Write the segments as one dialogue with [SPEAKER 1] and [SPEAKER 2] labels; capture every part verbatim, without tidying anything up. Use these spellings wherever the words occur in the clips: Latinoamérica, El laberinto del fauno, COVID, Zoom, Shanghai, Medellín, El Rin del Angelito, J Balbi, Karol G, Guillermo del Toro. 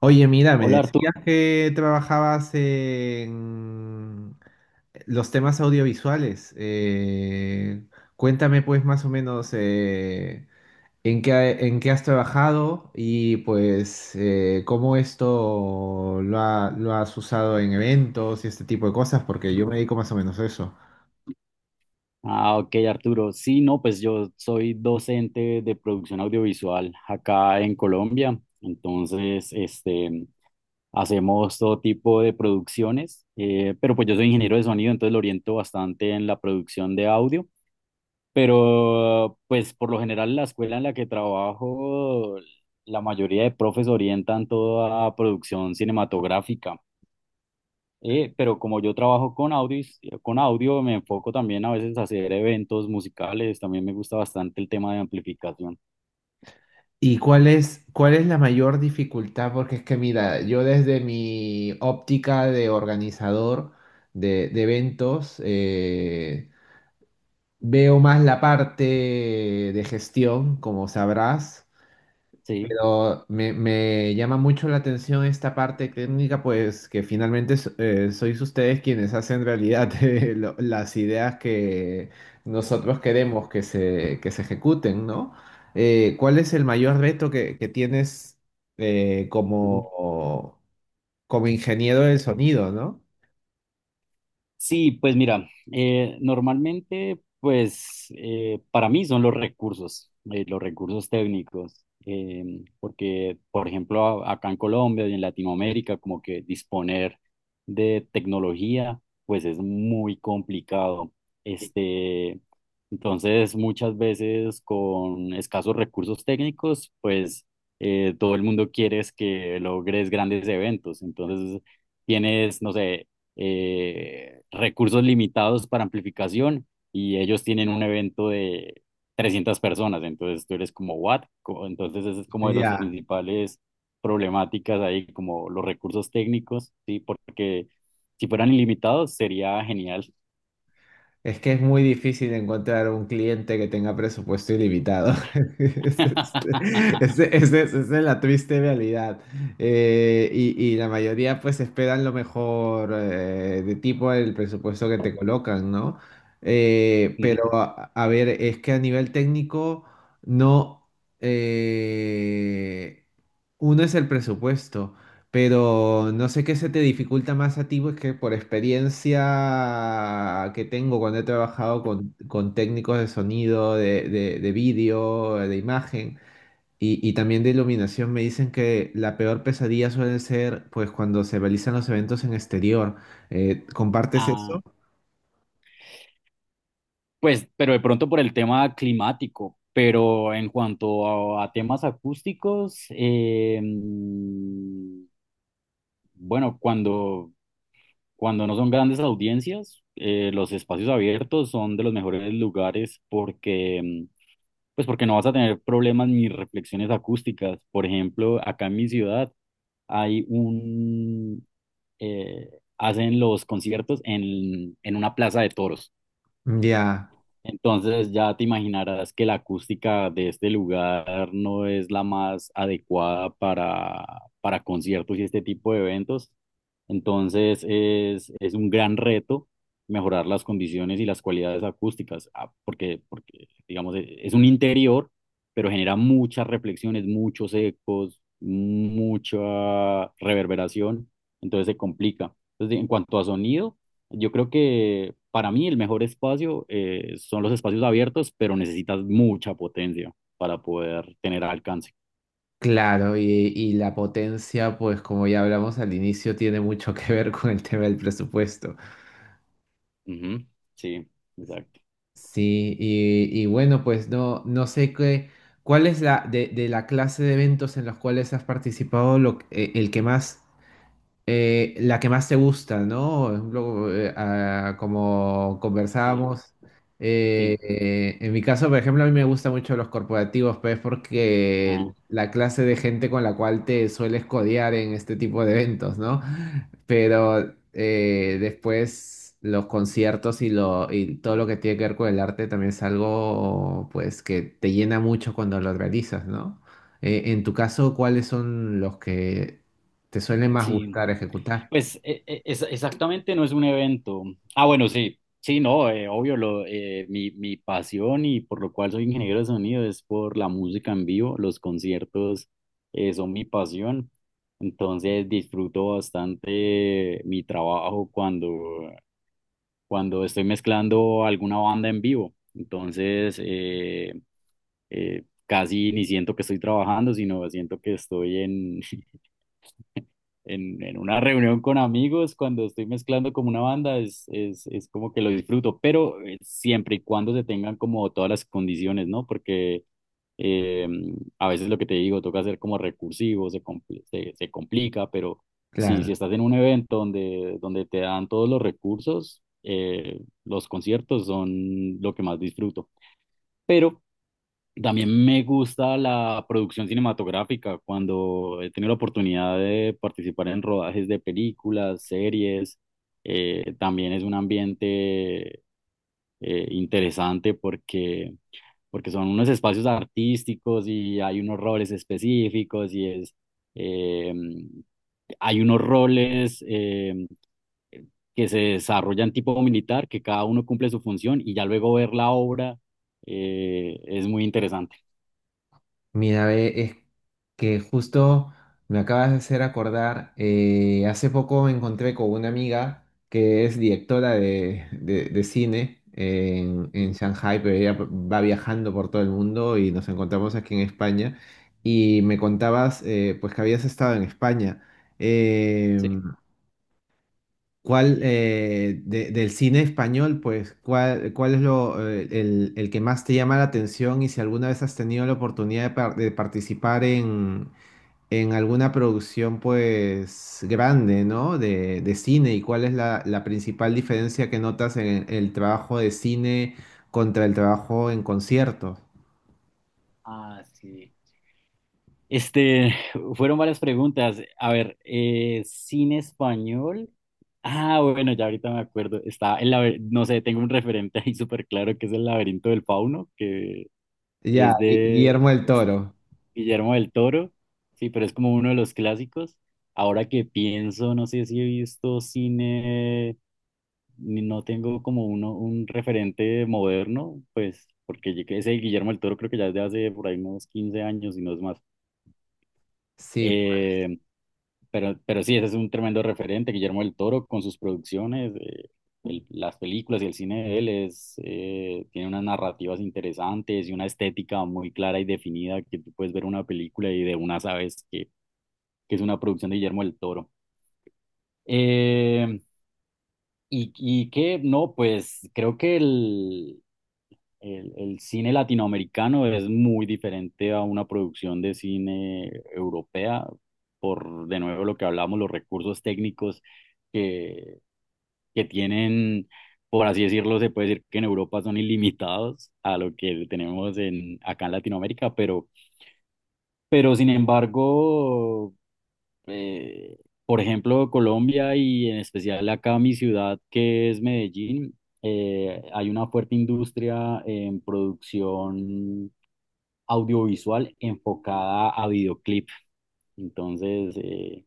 [SPEAKER 1] Oye, mira, me
[SPEAKER 2] Hola Arturo.
[SPEAKER 1] decías que trabajabas en los temas audiovisuales. Eh, cuéntame, pues, más o menos, eh, en qué, en qué has trabajado y pues eh, cómo esto lo ha- lo has usado en eventos y este tipo de cosas, porque yo me dedico más o menos a eso.
[SPEAKER 2] Ah, ok, Arturo. Sí, no, pues yo soy docente de producción audiovisual acá en Colombia. Entonces, este, hacemos todo tipo de producciones, eh, pero pues yo soy ingeniero de sonido, entonces lo oriento bastante en la producción de audio. Pero, pues por lo general, la escuela en la que trabajo, la mayoría de profes orientan toda producción cinematográfica. Eh, pero como yo trabajo con audios, con audio, me enfoco también a veces a hacer eventos musicales. También me gusta bastante el tema de amplificación.
[SPEAKER 1] ¿Y cuál es, cuál es la mayor dificultad? Porque es que, mira, yo desde mi óptica de organizador de, de eventos, eh, veo más la parte de gestión, como sabrás,
[SPEAKER 2] Sí.
[SPEAKER 1] pero me, me llama mucho la atención esta parte técnica, pues que finalmente s- eh, sois ustedes quienes hacen realidad eh, lo- las ideas que nosotros queremos que se, que se ejecuten, ¿no? Eh, ¿cuál es el mayor reto que, que tienes eh,
[SPEAKER 2] Ujú.
[SPEAKER 1] como, como ingeniero del sonido, ¿no?
[SPEAKER 2] Sí, pues mira, eh, normalmente, pues eh, para mí son los recursos, eh, los recursos técnicos, eh, porque, por ejemplo, a- acá en Colombia y en Latinoamérica, como que disponer de tecnología, pues es muy complicado. Este, entonces, muchas veces con escasos recursos técnicos, pues eh, todo el mundo quiere es que logres grandes eventos. Entonces, tienes, no sé, eh, recursos limitados para amplificación y ellos tienen un evento de trescientas personas, entonces tú eres como, ¿what? Co- Entonces ese es como de los
[SPEAKER 1] Ya.
[SPEAKER 2] principales problemáticas ahí, como los recursos técnicos, ¿sí? Porque si fueran ilimitados sería genial.
[SPEAKER 1] Es que es muy difícil encontrar un cliente que tenga presupuesto ilimitado. Ese es- ese- ese- esa es la triste realidad. Eh, y, y la mayoría pues esperan lo mejor, eh, de tipo el presupuesto que te colocan, ¿no? Eh,
[SPEAKER 2] Ujú.
[SPEAKER 1] pero a, a ver, es que a nivel técnico no... eh, uno es el presupuesto. Pero no sé qué se te dificulta más a ti, pues que por experiencia que tengo cuando he trabajado con, con técnicos de sonido, de, de, de vídeo, de imagen y, y también de iluminación, me dicen que la peor pesadilla suele ser pues cuando se realizan los eventos en exterior. Eh, ¿compartes
[SPEAKER 2] Ah,
[SPEAKER 1] eso?
[SPEAKER 2] pues, pero de pronto por el tema climático, pero en cuanto a, a temas acústicos, eh, mm, bueno, cuando Cuando no son grandes audiencias, eh, los espacios abiertos son de los mejores lugares porque, mm, pues porque no vas a tener problemas ni reflexiones acústicas. Por ejemplo, acá en mi ciudad hay un, eh, hacen los conciertos en, en una plaza de toros.
[SPEAKER 1] Ya,
[SPEAKER 2] Entonces ya te imaginarás que la acústica de este lugar no es la más adecuada para, para conciertos y este tipo de eventos. Entonces es, es un gran reto mejorar las condiciones y las cualidades acústicas, ah, porque, porque digamos, e- es un interior, pero genera muchas reflexiones, muchos ecos, mucha reverberación, entonces se complica. Entonces, en cuanto a sonido. Yo creo que para mí el mejor espacio eh, son los espacios abiertos, pero necesitas mucha potencia para poder tener alcance.
[SPEAKER 1] claro, y, y la potencia, pues como ya hablamos al inicio, tiene mucho que ver con el tema del presupuesto.
[SPEAKER 2] Ujú. Sí, exacto.
[SPEAKER 1] Sí, y, y bueno, pues no, no sé qué, cuál es la de, de la clase de eventos en los cuales has participado, lo, que- eh, el que más eh, la que más te gusta, ¿no? Por ejemplo, eh, ah, como
[SPEAKER 2] Sí,
[SPEAKER 1] conversábamos, eh,
[SPEAKER 2] sí.
[SPEAKER 1] eh, en mi caso, por ejemplo, a mí me gustan mucho los corporativos, pues
[SPEAKER 2] Ah,
[SPEAKER 1] porque la clase de gente con la cual te sueles codear en este tipo de eventos, ¿no? Pero eh, después los conciertos y, lo, y todo lo que tiene que ver con el arte también es algo, pues, que te llena mucho cuando lo realizas, ¿no? Eh, en tu caso, ¿cuáles son los que te suele más
[SPEAKER 2] sí.
[SPEAKER 1] gustar ejecutar?
[SPEAKER 2] Pues e- e- es- exactamente no es un evento. Ah, bueno, sí. Sí, no, eh, obvio, lo, eh, mi, mi pasión y por lo cual soy ingeniero de sonido es por la música en vivo. Los conciertos eh, son mi pasión. Entonces disfruto bastante mi trabajo cuando cuando estoy mezclando alguna banda en vivo. Entonces, eh, eh, casi ni siento que estoy trabajando, sino siento que estoy en, en, en una reunión con amigos, cuando estoy mezclando como una banda, es, es, es como que lo disfruto, pero eh, siempre y cuando se tengan como todas las condiciones, ¿no? Porque eh, a veces lo que te digo, toca ser como recursivo, se, compl- se, se complica, pero si,
[SPEAKER 1] Claro.
[SPEAKER 2] si estás en un evento donde, donde te dan todos los recursos, eh, los conciertos son lo que más disfruto. Pero también me gusta la producción cinematográfica, cuando he tenido la oportunidad de participar en rodajes de películas, series, eh, también es un ambiente eh, interesante porque, porque son unos espacios artísticos y hay unos roles específicos y es, eh, hay unos roles eh, que se desarrollan tipo militar, que cada uno cumple su función y ya luego ver la obra, eh, es muy interesante.
[SPEAKER 1] Mira, ve, es que justo me acabas de hacer acordar, eh, hace poco me encontré con una amiga que es directora de, de- de cine en, en
[SPEAKER 2] Ujú.
[SPEAKER 1] Shanghai, pero ella va viajando por todo el mundo y nos encontramos aquí en España y me contabas eh, pues que habías estado en España.
[SPEAKER 2] Sí.
[SPEAKER 1] Em, ¿Cuál eh, de- del cine español, pues, cuál, cuál es lo, eh, el, el que más te llama la atención? Y si alguna vez has tenido la oportunidad de, par- de participar en, en alguna producción, pues, grande, ¿no? De, de cine. ¿Y cuál es la, la principal diferencia que notas en el trabajo de cine contra el trabajo en conciertos?
[SPEAKER 2] Ah, sí. Este, fueron varias preguntas. A ver, eh, cine español. Ah, bueno, ya ahorita me acuerdo. Está el laber- no sé, tengo un referente ahí súper claro que es El laberinto del fauno, que
[SPEAKER 1] Ya,
[SPEAKER 2] es
[SPEAKER 1] Gui-
[SPEAKER 2] de
[SPEAKER 1] Guillermo del Toro.
[SPEAKER 2] Guillermo del Toro. Sí, pero es como uno de los clásicos. Ahora que pienso, no sé si he visto cine. Ni- no tengo como uno, un referente moderno, pues porque yo que ese Guillermo del Toro creo que ya es de hace por ahí unos quince años y no es más.
[SPEAKER 1] Sí,
[SPEAKER 2] Eh, pero, pero sí, ese es un tremendo referente, Guillermo del Toro con sus producciones, eh, el- las películas y el cine de él es, eh, tiene unas narrativas interesantes y una estética muy clara y definida que tú puedes ver una película y de una sabes que, que es una producción de Guillermo del Toro. Eh, y, y que no, pues creo que el, El, el cine latinoamericano es muy diferente a una producción de cine europea, por de nuevo lo que hablamos, los recursos técnicos que, que tienen, por así decirlo, se puede decir que en Europa son ilimitados a lo que tenemos en, acá en Latinoamérica, pero, pero sin embargo, eh, por ejemplo, Colombia y en especial acá mi ciudad, que es Medellín, eh, hay una fuerte industria en producción audiovisual enfocada a videoclip. Entonces, eh,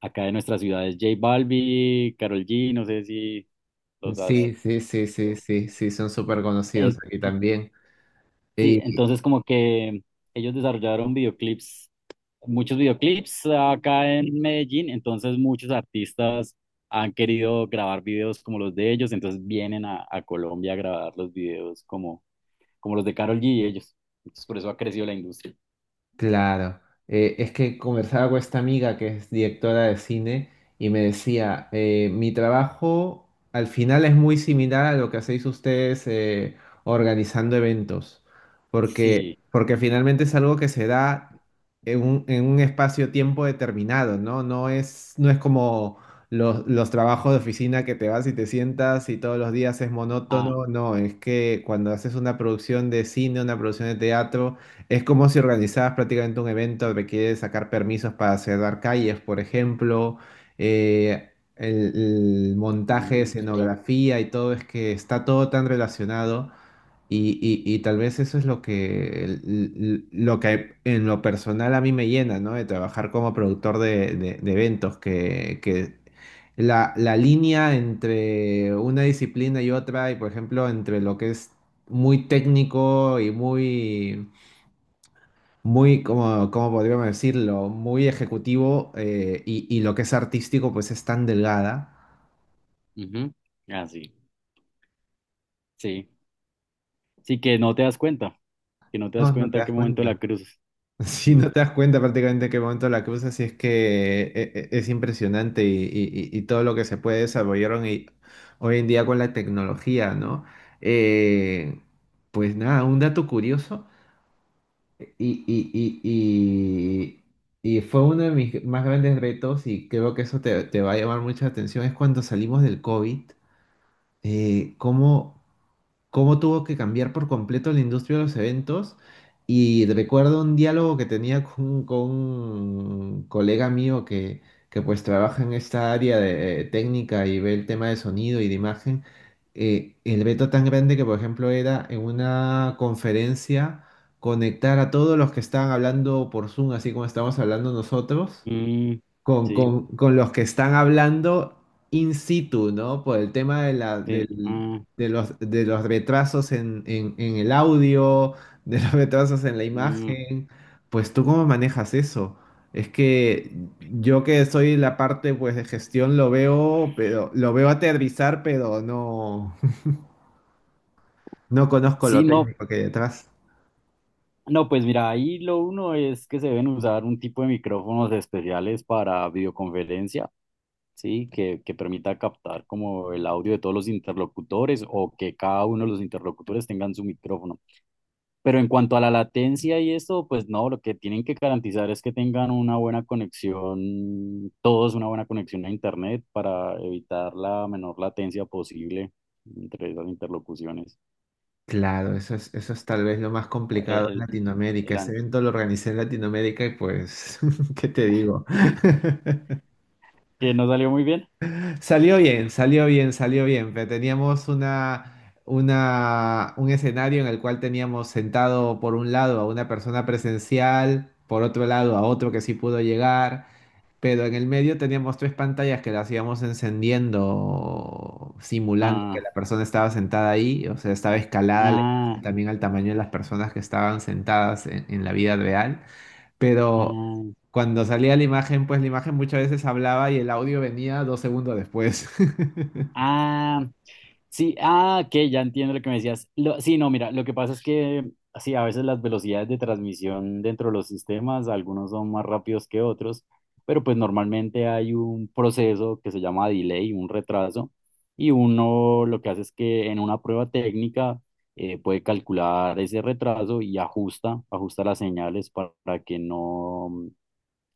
[SPEAKER 2] acá de nuestras ciudades, J Balbi, Karol G, no sé si los
[SPEAKER 1] pues,
[SPEAKER 2] has.
[SPEAKER 1] sí, sí, sí, sí, sí, sí, son súper conocidos
[SPEAKER 2] en-
[SPEAKER 1] aquí también.
[SPEAKER 2] sí, entonces como que ellos desarrollaron videoclips, muchos videoclips acá en Medellín, entonces muchos artistas han querido grabar videos como los de ellos, entonces vienen a, a Colombia a grabar los videos como, como los de Karol G y ellos. Entonces, por eso ha crecido la industria.
[SPEAKER 1] Claro, eh, es que conversaba con esta amiga que es directora de cine y me decía, eh, mi trabajo al final es muy similar a lo que hacéis ustedes, eh, organizando eventos, porque,
[SPEAKER 2] Sí.
[SPEAKER 1] porque finalmente es algo que se da en un, en un espacio-tiempo determinado, ¿no? No es, no es como los, los trabajos de oficina, que te vas y te sientas y todos los días es
[SPEAKER 2] ah,
[SPEAKER 1] monótono. No, es que cuando haces una producción de cine, una producción de teatro, es como si organizabas prácticamente un evento. Requiere sacar permisos para cerrar calles, por ejemplo, eh, el, el montaje,
[SPEAKER 2] mm,
[SPEAKER 1] escenografía y todo. Es que está todo tan relacionado y, y- y tal vez eso es lo que, el- lo que en lo personal a mí me llena, ¿no? De trabajar como productor de, de- de eventos, que, que la, la línea entre una disciplina y otra, y por ejemplo, entre lo que es muy técnico y muy muy, como, como podríamos decirlo, muy ejecutivo, eh, y, y lo que es artístico pues es tan delgada.
[SPEAKER 2] Ujú. Ah, sí, sí. Sí, que no te das cuenta, que no te
[SPEAKER 1] No,
[SPEAKER 2] das
[SPEAKER 1] no te
[SPEAKER 2] cuenta
[SPEAKER 1] das
[SPEAKER 2] qué momento la
[SPEAKER 1] cuenta.
[SPEAKER 2] cruzas.
[SPEAKER 1] Sí,
[SPEAKER 2] Mm.
[SPEAKER 1] no te das cuenta prácticamente en qué momento la cruzas. Y es que eh, eh, es impresionante y, y- y- y todo lo que se puede desarrollaron y hoy en día con la tecnología, ¿no? Eh, pues nada, un dato curioso y, y, y, y, y fue uno de mis más grandes retos, y creo que eso te, te va a llamar mucha atención, es cuando salimos del COVID. eh, cómo, cómo tuvo que cambiar por completo la industria de los eventos. Y recuerdo un diálogo que tenía con, con un colega mío que, que pues trabaja en esta área de eh, técnica y ve el tema de sonido y de imagen. eh, el veto tan grande que, por ejemplo, era en una conferencia conectar a todos los que estaban hablando por Zoom, así como estamos hablando nosotros
[SPEAKER 2] Mm,
[SPEAKER 1] con,
[SPEAKER 2] sí,
[SPEAKER 1] con- con los que están hablando in situ, ¿no? Por el tema de, la,
[SPEAKER 2] sí.
[SPEAKER 1] del-
[SPEAKER 2] ah,
[SPEAKER 1] de, los, de los retrasos en, en, en el audio, de los retrasos en la
[SPEAKER 2] mm.
[SPEAKER 1] imagen. ¿Pues tú cómo manejas eso? Es que yo, que soy la parte pues de gestión, lo veo, pero lo veo aterrizar, pero no, no conozco lo
[SPEAKER 2] Sí, no,
[SPEAKER 1] técnico que hay detrás.
[SPEAKER 2] no, pues mira, ahí lo uno es que se deben usar un tipo de micrófonos especiales para videoconferencia, sí, que, que permita captar como el audio de todos los interlocutores o que cada uno de los interlocutores tengan su micrófono. Pero en cuanto a la latencia y eso, pues no, lo que tienen que garantizar es que tengan una buena conexión, todos una buena conexión a Internet para evitar la menor latencia posible entre esas interlocuciones.
[SPEAKER 1] Claro, eso es, eso es tal vez lo más
[SPEAKER 2] El,
[SPEAKER 1] complicado en
[SPEAKER 2] el-
[SPEAKER 1] Latinoamérica.
[SPEAKER 2] el
[SPEAKER 1] Ese
[SPEAKER 2] an-
[SPEAKER 1] evento lo organicé en Latinoamérica y pues, ¿qué te digo?
[SPEAKER 2] que no salió muy bien.
[SPEAKER 1] Salió bien, salió bien, salió bien. Pero teníamos una, una, un escenario en el cual teníamos sentado por un lado a una persona presencial, por otro lado a otro que sí pudo llegar, pero en el medio teníamos tres pantallas que las íbamos encendiendo, simulando que
[SPEAKER 2] Ah,
[SPEAKER 1] la persona estaba sentada ahí. O sea, estaba escalada la
[SPEAKER 2] ah,
[SPEAKER 1] imagen también al tamaño de las personas que estaban sentadas en en la vida real, pero
[SPEAKER 2] ah.
[SPEAKER 1] cuando salía la imagen, pues la imagen muchas veces hablaba y el audio venía dos segundos después.
[SPEAKER 2] Ah, sí, ah, que ya entiendo lo que me decías. Lo- sí, no, mira, lo que pasa es que sí, a veces las velocidades de transmisión dentro de los sistemas, algunos son más rápidos que otros, pero pues normalmente hay un proceso que se llama delay, un retraso, y uno lo que hace es que en una prueba técnica eh, puede calcular ese retraso y ajusta, ajusta las señales pa- para, que no,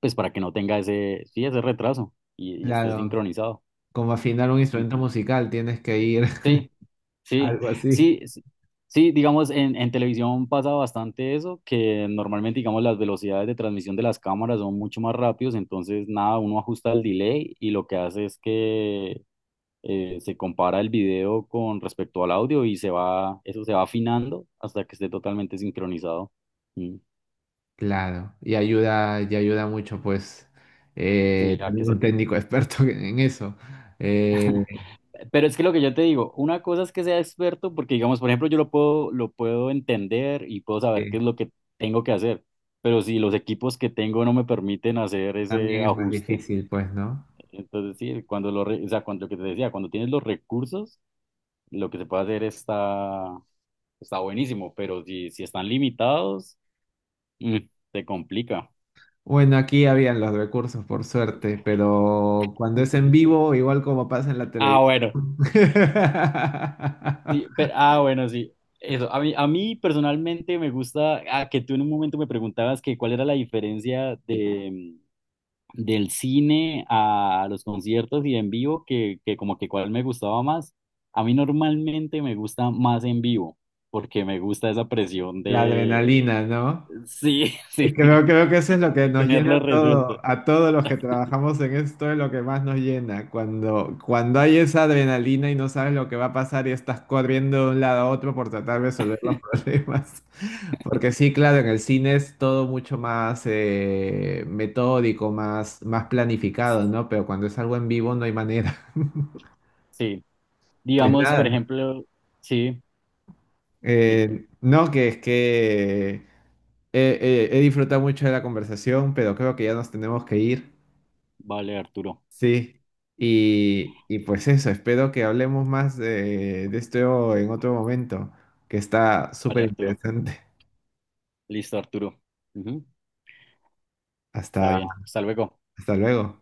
[SPEAKER 2] pues para que no tenga ese, sí, ese retraso y, y esté
[SPEAKER 1] Claro,
[SPEAKER 2] sincronizado.
[SPEAKER 1] como afinar un
[SPEAKER 2] En-
[SPEAKER 1] instrumento musical, tienes que ir
[SPEAKER 2] Sí. Sí,
[SPEAKER 1] algo así.
[SPEAKER 2] sí, sí, sí, digamos, en, en televisión pasa bastante eso, que normalmente, digamos, las velocidades de transmisión de las cámaras son mucho más rápidos, entonces, nada, uno ajusta el delay y lo que hace es que eh, se compara el video con respecto al audio y se va, eso se va afinando hasta que esté totalmente sincronizado. Mm.
[SPEAKER 1] Claro, y ayuda, y ayuda mucho, pues,
[SPEAKER 2] Sí,
[SPEAKER 1] eh,
[SPEAKER 2] a
[SPEAKER 1] tener
[SPEAKER 2] que se.
[SPEAKER 1] un técnico experto en en eso. Eh,
[SPEAKER 2] Pero es que lo que yo te digo, una cosa es que sea experto, porque digamos, por ejemplo, yo lo puedo, lo puedo entender y puedo saber qué es
[SPEAKER 1] sí,
[SPEAKER 2] lo que tengo que hacer, pero si los equipos que tengo no me permiten hacer
[SPEAKER 1] también
[SPEAKER 2] ese
[SPEAKER 1] es más
[SPEAKER 2] ajuste,
[SPEAKER 1] difícil, pues, ¿no?
[SPEAKER 2] entonces sí, cuando lo, re- o sea, cuando lo que te decía, cuando tienes los recursos, lo que se puede hacer está, está buenísimo, pero si, si están limitados, mm, se complica.
[SPEAKER 1] Bueno, aquí habían los recursos, por suerte, pero cuando es en vivo, igual como pasa en la
[SPEAKER 2] Ah,
[SPEAKER 1] televisión.
[SPEAKER 2] bueno. Sí, pero, ah, bueno, sí. Eso, a mí, a mí personalmente me gusta, ah, que tú en un momento me preguntabas que cuál era la diferencia de, del cine a los conciertos y en vivo, que, que como que cuál me gustaba más. A mí normalmente me gusta más en vivo, porque me gusta esa presión
[SPEAKER 1] La
[SPEAKER 2] de,
[SPEAKER 1] adrenalina, ¿no?
[SPEAKER 2] sí, sí,
[SPEAKER 1] Creo, creo que eso es lo que
[SPEAKER 2] de
[SPEAKER 1] nos llena
[SPEAKER 2] tenerlo
[SPEAKER 1] a todo,
[SPEAKER 2] resuelto.
[SPEAKER 1] a todos los que trabajamos en esto, es lo que más nos llena. Cuando, cuando hay esa adrenalina y no sabes lo que va a pasar y estás corriendo de un lado a otro por tratar de resolver los problemas. Porque sí, claro, en el cine es todo mucho más, eh, metódico, más, más planificado, ¿no? Pero cuando es algo en vivo no hay manera.
[SPEAKER 2] Sí,
[SPEAKER 1] Pues
[SPEAKER 2] digamos, por
[SPEAKER 1] nada.
[SPEAKER 2] ejemplo, sí, sí,
[SPEAKER 1] Eh, no, que es que eh, eh, he disfrutado mucho de la conversación, pero creo que ya nos tenemos que ir.
[SPEAKER 2] vale, Arturo,
[SPEAKER 1] Sí. Y, y pues eso, espero que hablemos más de, de esto en otro momento, que está
[SPEAKER 2] vale,
[SPEAKER 1] súper
[SPEAKER 2] Arturo.
[SPEAKER 1] interesante.
[SPEAKER 2] Listo, Arturo. Ujú. Está
[SPEAKER 1] Hasta,
[SPEAKER 2] bien, hasta luego.
[SPEAKER 1] hasta luego.